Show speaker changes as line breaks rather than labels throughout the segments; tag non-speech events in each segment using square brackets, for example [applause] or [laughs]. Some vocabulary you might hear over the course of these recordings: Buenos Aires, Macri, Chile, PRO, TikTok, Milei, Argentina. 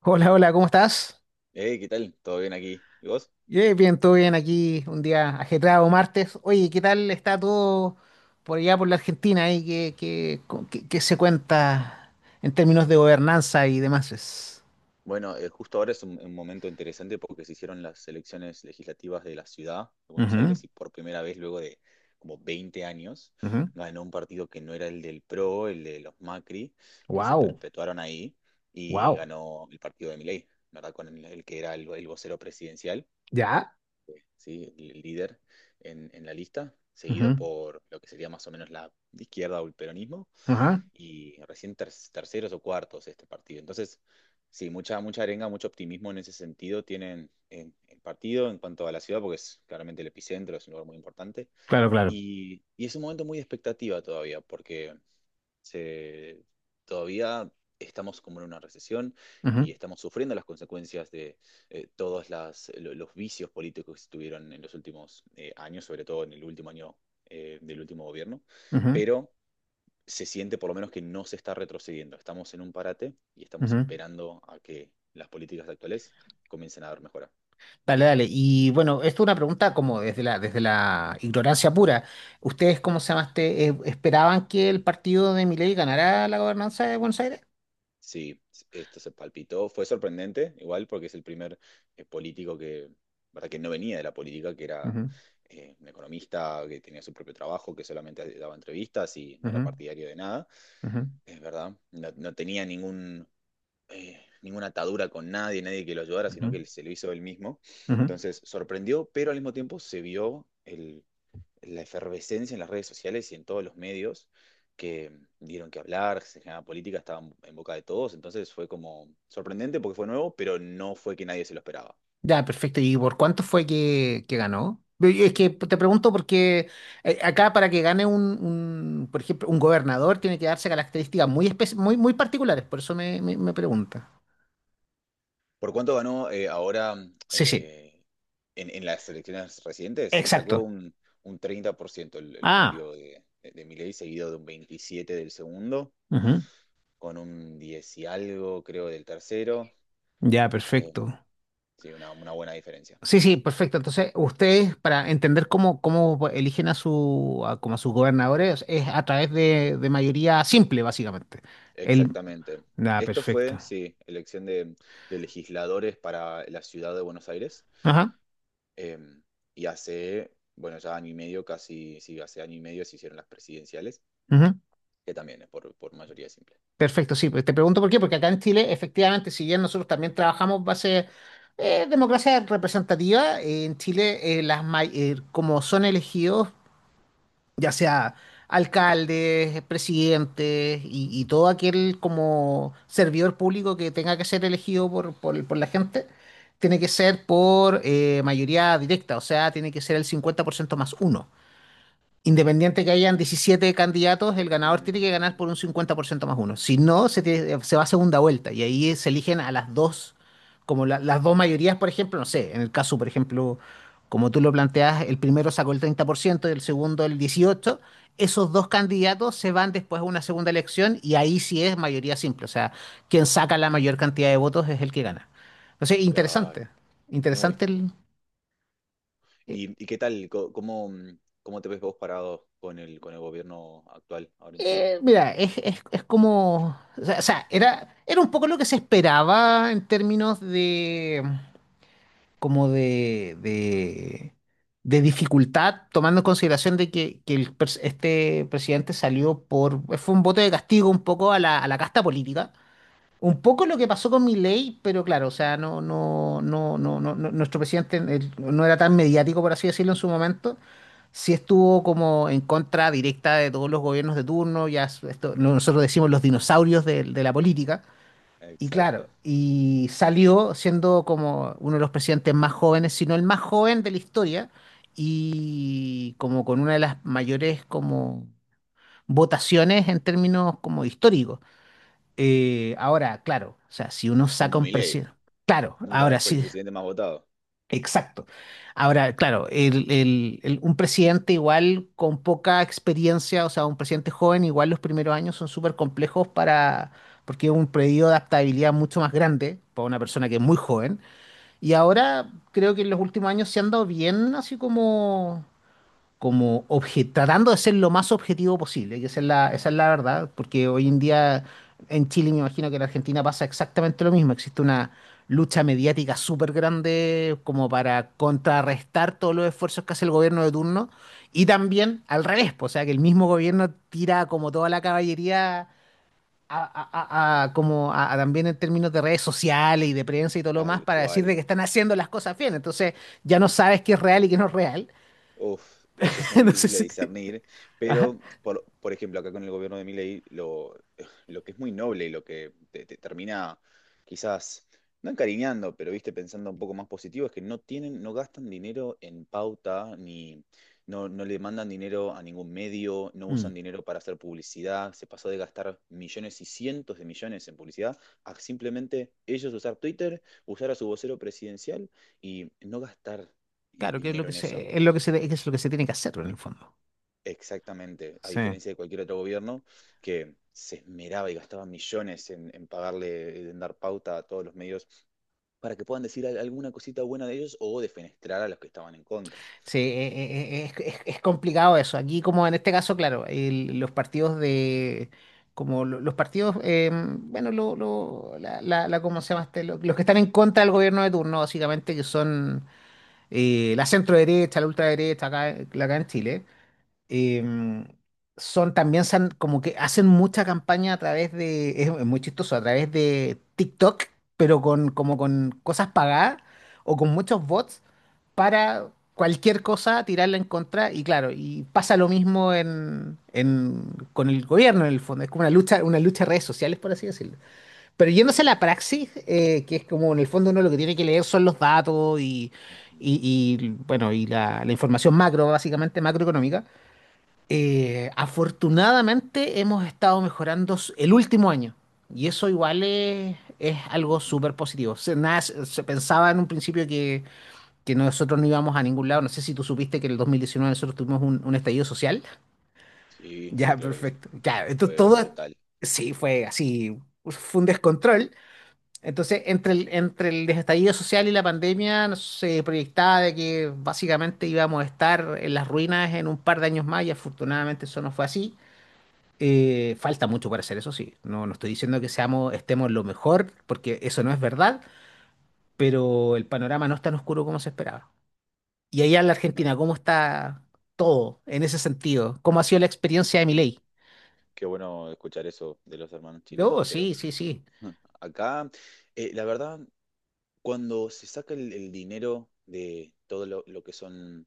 Hola, hola, ¿cómo estás?
Hey, ¿qué tal? ¿Todo bien aquí? ¿Y vos?
Bien, todo bien aquí, un día ajetreado, martes. Oye, ¿qué tal está todo por allá, por la Argentina? Ahí? ¿Qué se cuenta en términos de gobernanza y demás? Es?
Bueno, justo ahora es un momento interesante porque se hicieron las elecciones legislativas de la ciudad de Buenos Aires y por primera vez luego de como 20 años ganó un partido que no era el del PRO, el de los Macri, que se
Wow,
perpetuaron ahí y
wow.
ganó el partido de Milei, ¿verdad? Con el que era el vocero presidencial,
¿Ya?
¿sí? El líder en la lista, seguido
Ujú,
por lo que sería más o menos la izquierda o el peronismo
ajá.
y recién terceros o cuartos este partido. Entonces, sí, mucha arenga, mucho optimismo en ese sentido tienen en el partido en cuanto a la ciudad, porque es claramente el epicentro, es un lugar muy importante.
Claro, claro.
Y es un momento muy de expectativa todavía, porque se, todavía estamos como en una recesión y
Ujú,
estamos sufriendo las consecuencias de todos los vicios políticos que se tuvieron en los últimos años, sobre todo en el último año del último gobierno.
ujú,
Pero se siente por lo menos que no se está retrocediendo. Estamos en un parate y estamos
ujú.
esperando a que las políticas actuales comiencen a dar mejora.
Dale, dale. Y bueno, esto es una pregunta como desde la ignorancia pura. ¿Ustedes, cómo se llamaste, esperaban que el partido de Milei ganara la gobernanza de Buenos Aires?
Sí, esto se palpitó. Fue sorprendente, igual, porque es el primer político que, ¿verdad? Que no venía de la política, que era
Ujú,
un economista que tenía su propio trabajo, que solamente daba entrevistas y no era
ujú,
partidario de nada,
ujú,
es verdad. No, no tenía ningún, ninguna atadura con nadie, nadie que lo ayudara, sino
ujú,
que él se lo hizo él mismo.
ujú.
Entonces sorprendió, pero al mismo tiempo se vio la efervescencia en las redes sociales y en todos los medios que dieron que hablar, se generaba política, estaba en boca de todos, entonces fue como sorprendente porque fue nuevo, pero no fue que nadie se lo esperaba.
Ya, perfecto. ¿Y por cuánto fue que ganó? Es que te pregunto porque acá para que gane un, por ejemplo, un gobernador tiene que darse características muy particulares, por eso me pregunta.
¿Por cuánto ganó ahora
Sí, sí,
eh, en, en las elecciones recientes? Y sacó
exacto.
un 30% el
Ah,
partido de, de Milei, seguido de un 27% del segundo,
ujú.
con un 10 y algo, creo, del tercero.
Ya,
Eh,
perfecto.
sí, una buena diferencia.
Sí, sí, perfecto. Entonces, ustedes, para entender cómo eligen a sus gobernadores, es a través de mayoría simple, básicamente. El,
Exactamente.
nada,
Esto
perfecto.
fue, sí, elección de legisladores para la ciudad de Buenos Aires.
Ajá,
Eh, y hace, bueno, ya año y medio, casi, sí, hace año y medio se hicieron las presidenciales,
ujú.
que también es por mayoría simple.
Perfecto, sí, pues te pregunto por qué, porque acá en Chile, efectivamente, si bien nosotros también trabajamos base democracia representativa, en Chile, como son elegidos, ya sea alcaldes, presidentes y todo aquel como servidor público que tenga que ser elegido por la gente, tiene que ser por mayoría directa, o sea, tiene que ser el 50% más uno. Independiente que hayan 17 candidatos, el ganador
Mm,
tiene que ganar por un 50% más uno. Si no, se va a segunda vuelta y ahí se eligen a las dos, las dos mayorías, por ejemplo, no sé, en el caso, por ejemplo, como tú lo planteas, el primero sacó el 30% y el segundo el 18%. Esos dos candidatos se van después a una segunda elección y ahí sí es mayoría simple. O sea, quien saca la mayor cantidad de votos es el que gana. Entonces,
claro,
interesante,
muy.
interesante eh,
Y qué tal? ¿Cómo, cómo te ves vos parado con el gobierno actual ahora en Chile?
Mira, es como, o sea, era un poco lo que se esperaba en términos como de, de, de dificultad, tomando en consideración de que el este presidente salió fue un voto de castigo un poco a la casta política. Un poco lo que pasó con Milei, pero claro, o sea, nuestro presidente él no era tan mediático, por así decirlo, en su momento. Sí estuvo como en contra directa de todos los gobiernos de turno, esto, nosotros decimos los dinosaurios de la política. Y claro,
Exacto.
y salió siendo como uno de los presidentes más jóvenes, si no el más joven de la historia, y como con una de las mayores como votaciones en términos como históricos. Ahora, claro, o sea, si uno saca
Como
un
Milei,
presidente, claro,
nunca
ahora
fue el
sí,
presidente más votado.
[laughs] exacto. Ahora, claro, un presidente igual con poca experiencia, o sea, un presidente joven, igual los primeros años son súper complejos para, porque es un periodo de adaptabilidad mucho más grande para una persona que es muy joven. Y ahora creo que en los últimos años se han dado bien, así tratando de ser lo más objetivo posible, que esa es la verdad, porque hoy en día en Chile me imagino que en Argentina pasa exactamente lo mismo, existe una lucha mediática súper grande como para contrarrestar todos los esfuerzos que hace el gobierno de turno y también al revés, pues, o sea que el mismo gobierno tira como toda la caballería. A también en términos de redes sociales y de prensa y todo lo más
Tal
para decir de
cual.
que están haciendo las cosas bien. Entonces ya no sabes qué es real y qué no es real.
Uf, eso es
[laughs]
muy
No sé
difícil de
si
discernir, pero por ejemplo, acá con el gobierno de Milei, lo, [sighs] lo que es muy noble y lo que te termina quizás, no encariñando, pero viste, pensando un poco más positivo, es que no tienen, no gastan dinero en pauta, ni no, no le mandan dinero a ningún medio, no
Mm.
usan dinero para hacer publicidad, se pasó de gastar millones y cientos de millones en publicidad a simplemente ellos usar Twitter, usar a su vocero presidencial y no gastar
Claro, que es lo
dinero
que
en eso.
se, es lo que se, es lo que se tiene que hacer en el fondo.
Exactamente, a
Sí,
diferencia de cualquier otro gobierno que se esmeraba y gastaba millones en pagarle, en dar pauta a todos los medios para que puedan decir alguna cosita buena de ellos o defenestrar a los que estaban en contra.
sí, es complicado eso. Aquí, como en este caso, claro, los partidos de, los partidos, bueno, ¿cómo se llama este? Los, que están en contra del gobierno de turno, básicamente, que son la centro derecha, la ultraderecha, acá, acá en Chile, em, son también como que hacen mucha campaña a través de, es muy chistoso, a través de TikTok, pero como con cosas pagadas o con muchos bots para cualquier cosa tirarla en contra. Y claro, y pasa lo mismo en, con el gobierno en el fondo. Es como una lucha de redes sociales, por así decirlo. Pero yéndose a
Sí,
la praxis, que es como en el fondo uno lo que tiene que leer son los datos y,
ujú,
bueno, y la información macro, básicamente macroeconómica. Afortunadamente hemos estado mejorando el último año y eso igual es algo
ujú.
súper positivo. Nada, se pensaba en un principio que nosotros no íbamos a ningún lado. No sé si tú supiste que en el 2019 nosotros tuvimos un estallido social. [laughs]
Sí, sí,
Ya,
claro que sí.
perfecto. Ya, entonces
Fue
todo
brutal.
sí fue así, fue un descontrol. Entonces, entre el estallido social y la pandemia se proyectaba de que básicamente íbamos a estar en las ruinas en un par de años más y afortunadamente eso no fue así. Falta mucho para hacer eso, sí. No, no estoy diciendo que estemos lo mejor, porque eso no es verdad, pero el panorama no es tan oscuro como se esperaba. Y allá en la
No,
Argentina, ¿cómo está todo en ese sentido? ¿Cómo ha sido la experiencia de
ujú.
Milei?
Qué bueno escuchar eso de los hermanos
Oh,
chilenos, pero
sí, sí, sí.
[laughs] acá, la verdad, cuando se saca el dinero de todo lo que son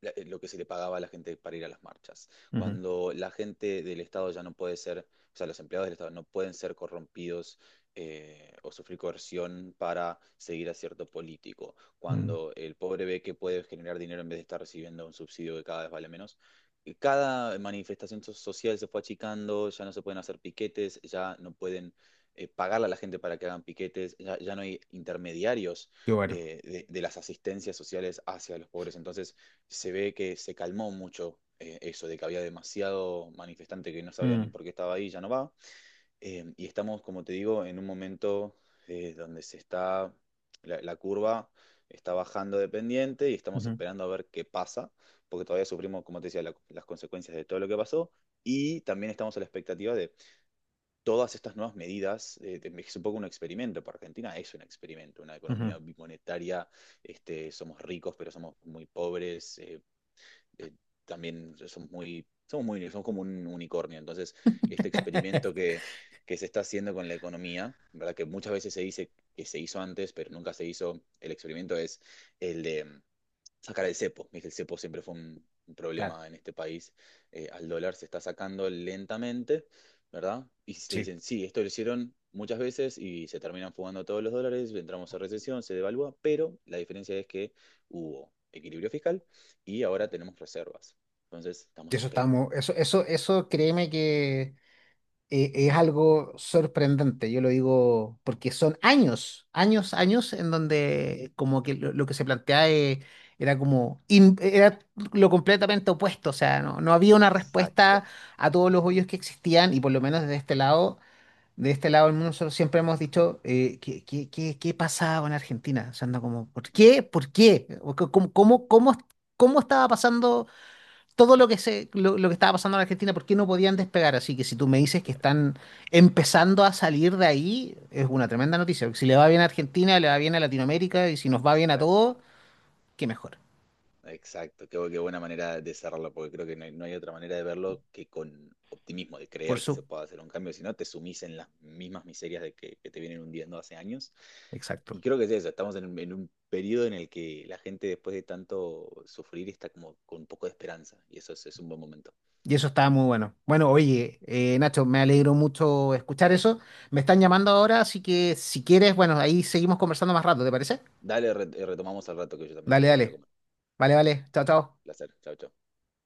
lo que se le pagaba a la gente para ir a las marchas.
Ujú,
Cuando la gente del Estado ya no puede ser, o sea, los empleados del Estado no pueden ser corrompidos o sufrir coerción para seguir a cierto político.
mm.
Cuando el pobre ve que puede generar dinero en vez de estar recibiendo un subsidio que cada vez vale menos. Y cada manifestación social se fue achicando, ya no se pueden hacer piquetes, ya no pueden pagarle a la gente para que hagan piquetes, ya, ya no hay intermediarios
Qué bueno.
de las asistencias sociales hacia los pobres. Entonces, se ve que se calmó mucho eso de que había demasiado manifestante que no sabía ni
Mm,
por qué estaba ahí, ya no va. Y estamos, como te digo, en un momento donde se está, la curva está bajando de pendiente y estamos
ujú,
esperando a ver qué pasa, porque todavía sufrimos, como te decía, las consecuencias de todo lo que pasó. Y también estamos a la expectativa de todas estas nuevas medidas. Es un poco un experimento para Argentina, es un experimento, una
ujú.
economía bimonetaria. Este, somos ricos, pero somos muy pobres. Eh, También somos muy, somos muy, somos como un unicornio. Entonces, este experimento
[laughs]
que se está haciendo con la economía, ¿verdad? Que muchas veces se dice que se hizo antes, pero nunca se hizo. El experimento es el de sacar el cepo. El cepo siempre fue un
Claro,
problema en este país. Al dólar se está sacando lentamente, ¿verdad? Y le
sí.
dicen, sí, esto lo hicieron muchas veces y se terminan fugando todos los dólares, entramos a recesión, se devalúa, pero la diferencia es que hubo equilibrio fiscal y ahora tenemos reservas. Entonces, estamos
Eso
esperando.
estamos, créeme que es algo sorprendente. Yo lo digo porque son años, años, años en donde como que lo que se plantea era lo completamente opuesto, o sea, no había una respuesta
Exacto.
a todos los hoyos que existían y por lo menos de este lado del mundo nosotros siempre hemos dicho ¿qué pasaba en Argentina? O sea, anda como, ¿por qué? ¿Por qué? ¿Cómo, cómo, cómo, cómo estaba pasando? Todo lo que estaba pasando en Argentina, por qué no podían despegar. Así que si tú me dices que
Claro,
están empezando a salir de ahí, es una tremenda noticia. Porque si le va bien a Argentina, le va bien a Latinoamérica, y si nos va bien a todos,
exacto.
qué mejor.
Exacto, qué, qué buena manera de cerrarlo, porque creo que no hay, no hay otra manera de verlo que con optimismo, de
Por
creer que
su,
se puede hacer un cambio, si no te sumís en las mismas miserias de que te vienen hundiendo hace años.
exacto.
Y creo que es eso, estamos en un periodo en el que la gente después de tanto sufrir está como con un poco de esperanza, y eso es un buen momento.
Y eso estaba muy bueno. Bueno, oye, Nacho, me alegro mucho escuchar eso. Me están llamando ahora, así que si quieres, bueno, ahí seguimos conversando más rato, ¿te parece?
Dale, retomamos al rato que yo también
Dale,
tengo que ir a
dale.
comer.
Vale, vale. Chao, chao.
Placer, chao, chao.